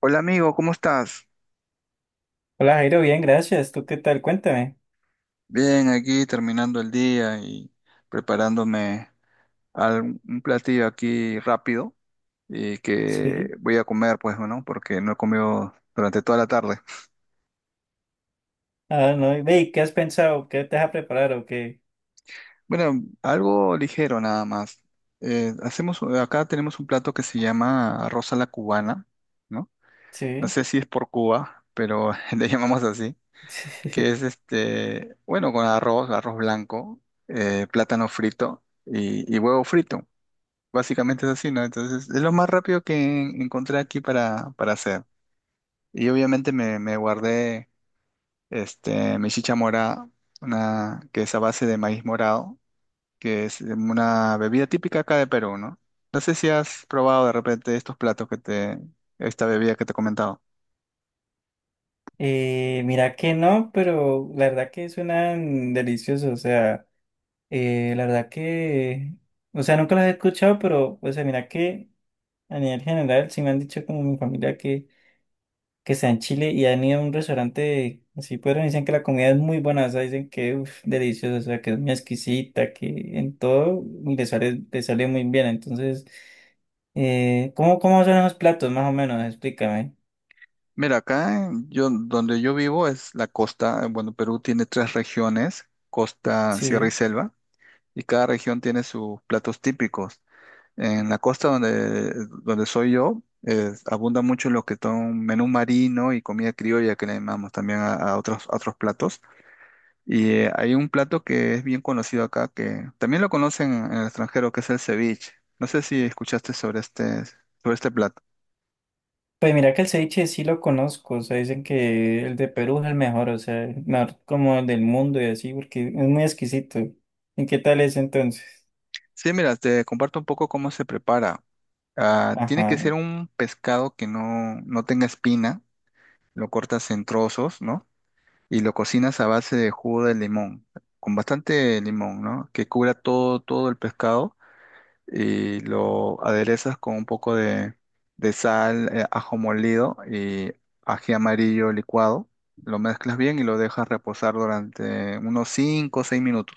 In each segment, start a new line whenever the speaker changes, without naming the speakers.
Hola amigo, ¿cómo estás?
Hola Jairo, bien, gracias. ¿Tú qué tal? Cuéntame.
Bien, aquí terminando el día y preparándome un platillo aquí rápido y que
Sí.
voy a comer, pues, ¿no? Porque no he comido durante toda la tarde.
Ah, no. y Ve, ¿qué has pensado? ¿Qué te vas a preparar o qué?
Bueno, algo ligero nada más. Acá tenemos un plato que se llama arroz a la cubana, ¿no? No
Sí.
sé si es por Cuba, pero le llamamos así, que es este, bueno, con arroz blanco, plátano frito y huevo frito. Básicamente es así, ¿no? Entonces, es lo más rápido que encontré aquí para hacer. Y obviamente me guardé este, mi chicha mora, una, que es a base de maíz morado, que es una bebida típica acá de Perú, ¿no? No sé si has probado de repente estos platos que te, esta bebida que te he comentado.
Mira que no, pero la verdad que suenan deliciosos. O sea, la verdad que, o sea, nunca los he escuchado, pero, o sea, mira que a nivel general sí me han dicho como mi familia que está en Chile y han ido a un restaurante así, pero dicen que la comida es muy buena, o sea, dicen que uf, deliciosa, o sea, que es muy exquisita, que en todo le sale muy bien. Entonces, ¿cómo, cómo son los platos, más o menos? Explícame.
Mira, yo, donde yo vivo es la costa. Bueno, Perú tiene tres regiones, costa, sierra y
Sí.
selva, y cada región tiene sus platos típicos. En la donde soy yo, abunda mucho lo que son menú marino y comida criolla que le llamamos también a otros platos. Y hay un plato que es bien conocido acá, que también lo conocen en el extranjero, que es el ceviche. No sé si escuchaste sobre este plato.
Pues mira que el ceviche sí lo conozco, o sea, dicen que el de Perú es el mejor, o sea, el mejor como el del mundo y así, porque es muy exquisito. ¿Y qué tal es entonces?
Sí, mira, te comparto un poco cómo se prepara. Ah, tiene que
Ajá,
ser un pescado que no tenga espina, lo cortas en trozos, ¿no? Y lo cocinas a base de jugo de limón, con bastante limón, ¿no? Que cubra todo el pescado y lo aderezas con un poco de sal, ajo molido y ají amarillo licuado. Lo mezclas bien y lo dejas reposar durante unos 5 o 6 minutos.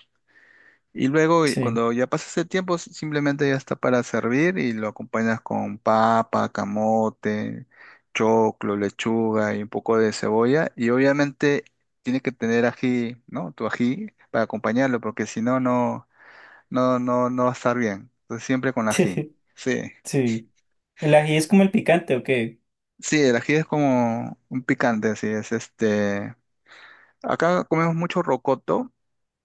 Y luego,
sí,
cuando ya pasas el tiempo, simplemente ya está para servir y lo acompañas con papa, camote, choclo, lechuga y un poco de cebolla. Y obviamente tiene que tener ají, ¿no? Tu ají para acompañarlo, porque si no, no va a estar bien. Entonces siempre con ají. Sí.
sí. ¿El ají es como el picante o qué?
Sí, el ají es como un picante, así es. Este, acá comemos mucho rocoto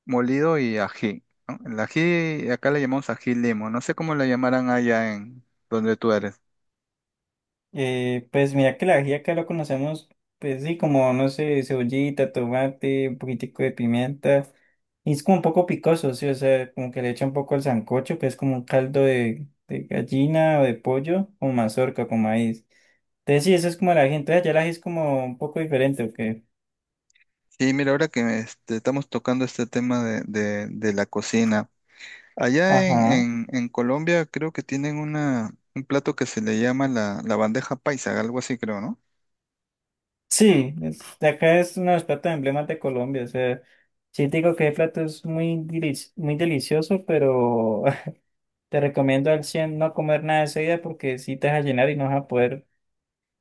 molido y ají, ¿no? El ají, acá le llamamos ají limo, no sé cómo le llamarán allá en donde tú eres.
Pues mira que la ají acá lo conocemos, pues sí, como, no sé, cebollita, tomate, un poquitico de pimienta. Y es como un poco picoso, sí, o sea, como que le echa un poco al sancocho, que es como un caldo de gallina o de pollo con mazorca, con maíz. Entonces sí, eso es como el ají. Entonces allá el ají es como un poco diferente, ¿o qué?
Sí, mira, ahora que este, estamos tocando este tema de la cocina, allá
Ajá.
en Colombia creo que tienen un plato que se le llama la bandeja paisa, algo así creo, ¿no?
Sí, es- de acá es uno de los platos emblemas de Colombia, o sea, sí te digo que el plato es muy, delici- muy delicioso, pero... Te recomiendo al 100 no comer nada de seguida porque si te vas a llenar y no vas a poder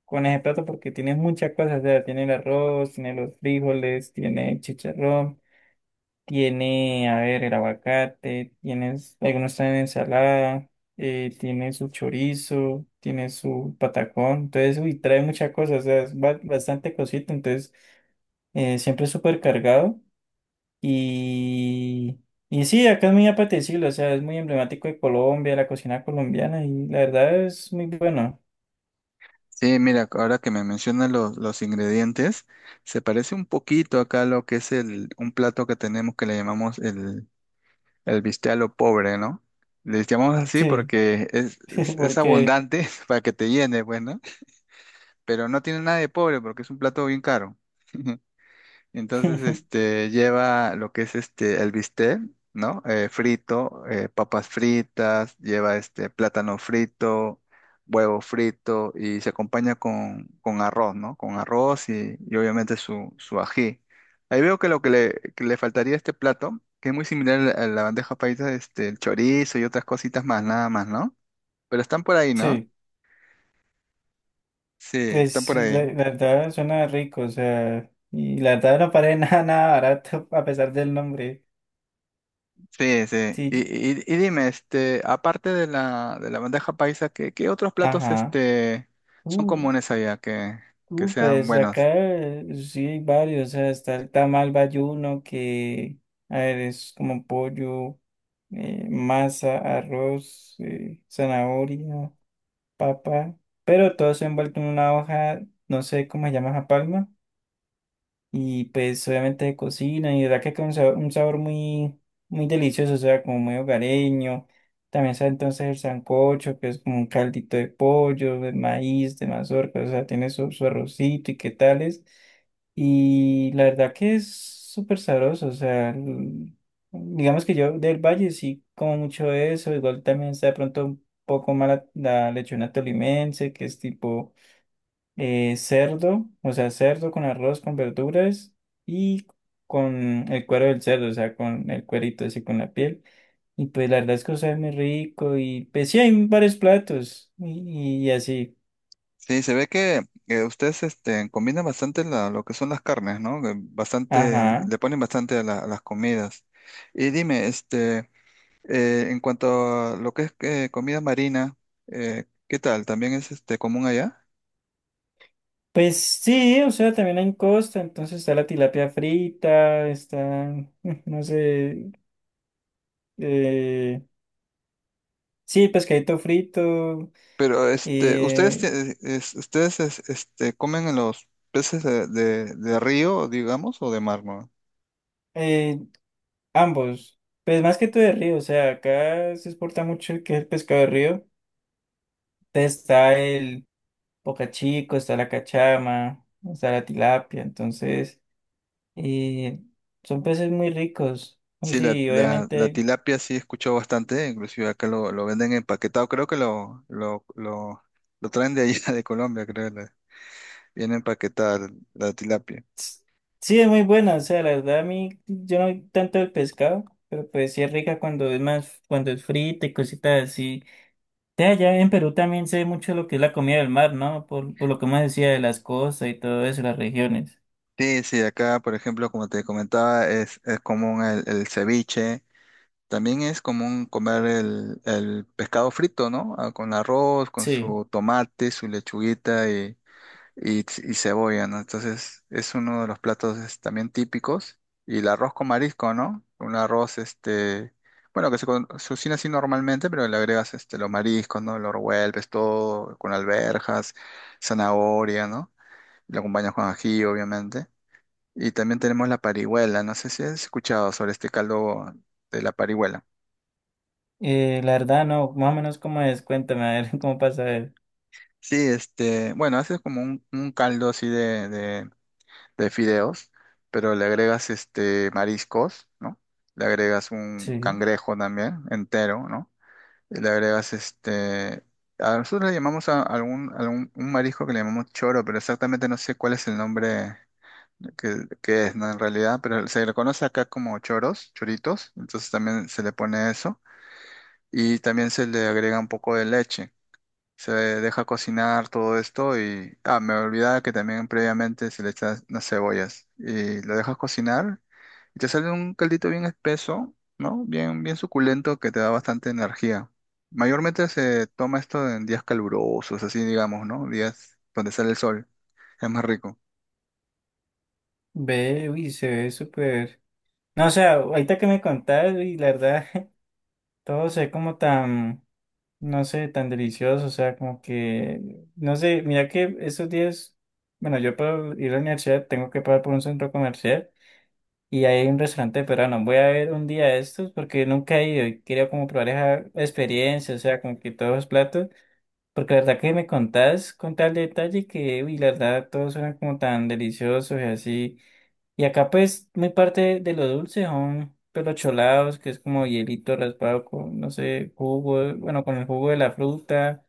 con ese plato porque tienes muchas cosas. O sea, tiene el arroz, tiene los frijoles, tiene el chicharrón, tiene, a ver, el aguacate, tienes, algunos están en ensalada, tiene su chorizo, tiene su patacón. Entonces, uy, trae muchas cosas. O sea, es ba- bastante cosita. Entonces, siempre súper cargado. Y, y sí, acá es muy apetecible, o sea, es muy emblemático de Colombia, la cocina colombiana, y la verdad es muy bueno.
Sí, mira, ahora que me mencionas los ingredientes, se parece un poquito acá a lo que es el, un plato que tenemos que le llamamos el bistec a lo pobre, ¿no? Les llamamos así
Sí,
porque es
porque,
abundante para que te llene, pues, ¿no? Pero no tiene nada de pobre porque es un plato bien caro. Entonces, este, lleva lo que es este, el bistec, ¿no? Frito, papas fritas, lleva este, plátano frito, huevo frito y se acompaña con arroz, ¿no? Con arroz y obviamente su ají. Ahí veo que lo que que le faltaría a este plato, que es muy similar a la bandeja paisa, este, el chorizo y otras cositas más, nada más, ¿no? Pero están por ahí, ¿no?
sí,
Sí, están
pues
por
la,
ahí.
la verdad suena rico, o sea, y la verdad no parece nada, nada barato a pesar del nombre.
Sí, sí.
Sí,
Y dime, este, aparte de de la bandeja paisa, ¿qué otros platos
ajá.
este, son
Uh,
comunes allá que sean
pues acá
buenos?
sí hay varios, o sea, está el tamal bayuno que, a ver, es como pollo. Masa, arroz, zanahoria, papa, pero todo se envuelto en una hoja, no sé cómo se llama esa palma. Y pues obviamente de cocina, y de verdad que queda un sabor muy, muy delicioso, o sea, como muy hogareño. También está entonces el sancocho, que es como un caldito de pollo, de maíz, de mazorca, o sea, tiene su, su arrocito y qué tales. Y la verdad que es súper sabroso, o sea, el- digamos que yo del Valle sí como mucho eso, igual también está de pronto un poco mala la lechona tolimense, que es tipo cerdo, o sea, cerdo con arroz, con verduras y con el cuero del cerdo, o sea, con el cuerito, así con la piel. Y pues la verdad es que sabe muy rico y pues sí, hay varios platos y así.
Sí, se ve que ustedes este, combinan bastante lo que son las carnes, ¿no? Que bastante,
Ajá.
le ponen bastante a las comidas. Y dime, este, en cuanto a lo que es comida marina, ¿qué tal? ¿También es este, común allá?
Pues sí, o sea, también hay en Costa, entonces está la tilapia frita, está, no sé, eh, sí, pescadito frito,
Pero este,
eh,
ustedes este comen en los peces de río, digamos, o de mar, ¿no?
eh, Ambos, pues más que todo de río, o sea, acá se exporta mucho el que es el pescado de río. Entonces está el bocachico, está la cachama, está la tilapia, entonces eh, son peces muy ricos. O
Sí,
sí,
la
obviamente,
tilapia sí he escuchado bastante, inclusive acá lo venden empaquetado, creo que lo traen de allá de Colombia, creo, viene empaquetada la tilapia.
s- sí es muy buena, o sea, la verdad a mí yo no soy tanto el pescado, pero pues sí es rica cuando es más, cuando es frita y cositas así. De allá en Perú también se ve mucho lo que es la comida del mar, ¿no? Por lo que más decía de las costas y todo eso, las regiones.
Sí, sí, acá, por ejemplo, como te comentaba, es común el ceviche, también es común comer el pescado frito, ¿no? Ah, con arroz, con
Sí.
su tomate, su lechuguita y cebolla, ¿no? Entonces es uno de los platos es, también típicos. Y el arroz con marisco, ¿no? Un arroz, este, bueno, se cocina así normalmente, pero le agregas este, los mariscos, ¿no? Lo revuelves todo con alverjas zanahoria, ¿no? Lo acompañas con ají, obviamente. Y también tenemos la parihuela, no sé si has escuchado sobre este caldo de la parihuela.
La verdad, no, más o menos cómo es, cuéntame, a ver cómo pasa él.
Sí, este, bueno, haces como un caldo así de fideos, pero le agregas este mariscos, ¿no? Le agregas un
Sí,
cangrejo también entero, ¿no? Y le agregas este a nosotros le llamamos a algún un marisco que le llamamos choro, pero exactamente no sé cuál es el nombre que es, ¿no? En realidad, pero se le conoce acá como choros, choritos, entonces también se le pone eso y también se le agrega un poco de leche, se deja cocinar todo esto y, ah, me olvidaba que también previamente se le echas unas cebollas y lo dejas cocinar y te sale un caldito bien espeso, ¿no? Bien, bien suculento que te da bastante energía. Mayormente se toma esto en días calurosos, así digamos, ¿no? Días donde sale el sol. Es más rico.
ve, uy, se ve súper. No, o sea, ahorita que me contás, y la verdad, todo se ve como tan, no sé, tan delicioso, o sea, como que, no sé, mira que estos días, bueno, yo para ir a la universidad tengo que pasar por un centro comercial y hay un restaurante peruano. Voy a ver un día de estos porque nunca he ido y quería como probar esa experiencia, o sea, como que todos los platos. Porque la verdad que me contás con tal detalle que, uy, la verdad, todos suenan como tan deliciosos y así. Y acá, pues, muy parte de lo dulce son pues, los cholados, que es como hielito raspado con, no sé, jugo, bueno, con el jugo de la fruta.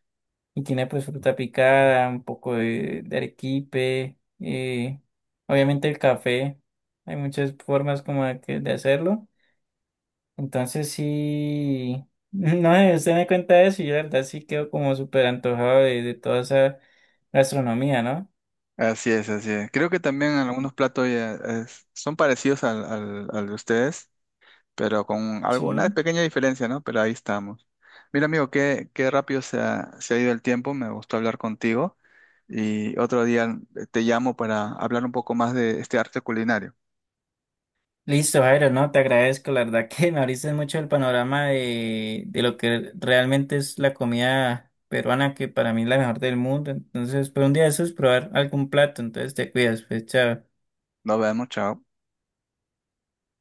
Y tiene, pues, fruta picada, un poco de arequipe. Obviamente, el café. Hay muchas formas como de, que- de hacerlo. Entonces sí, no, usted me cuenta eso y yo la verdad sí quedo como súper antojado de toda esa gastronomía, ¿no?
Así es, así es. Creo que también algunos platos ya son parecidos al de ustedes. Pero con algunas
Sí.
pequeñas diferencias, ¿no? Pero ahí estamos. Mira, amigo, qué rápido se ha ido el tiempo, me gustó hablar contigo y otro día te llamo para hablar un poco más de este arte culinario.
Listo, Jairo, no, te agradezco, la verdad que me abriste mucho el panorama de lo que realmente es la comida peruana, que para mí es la mejor del mundo. Entonces, pues un día de esos probar algún plato, entonces te cuidas, pues chao.
Nos vemos, chao.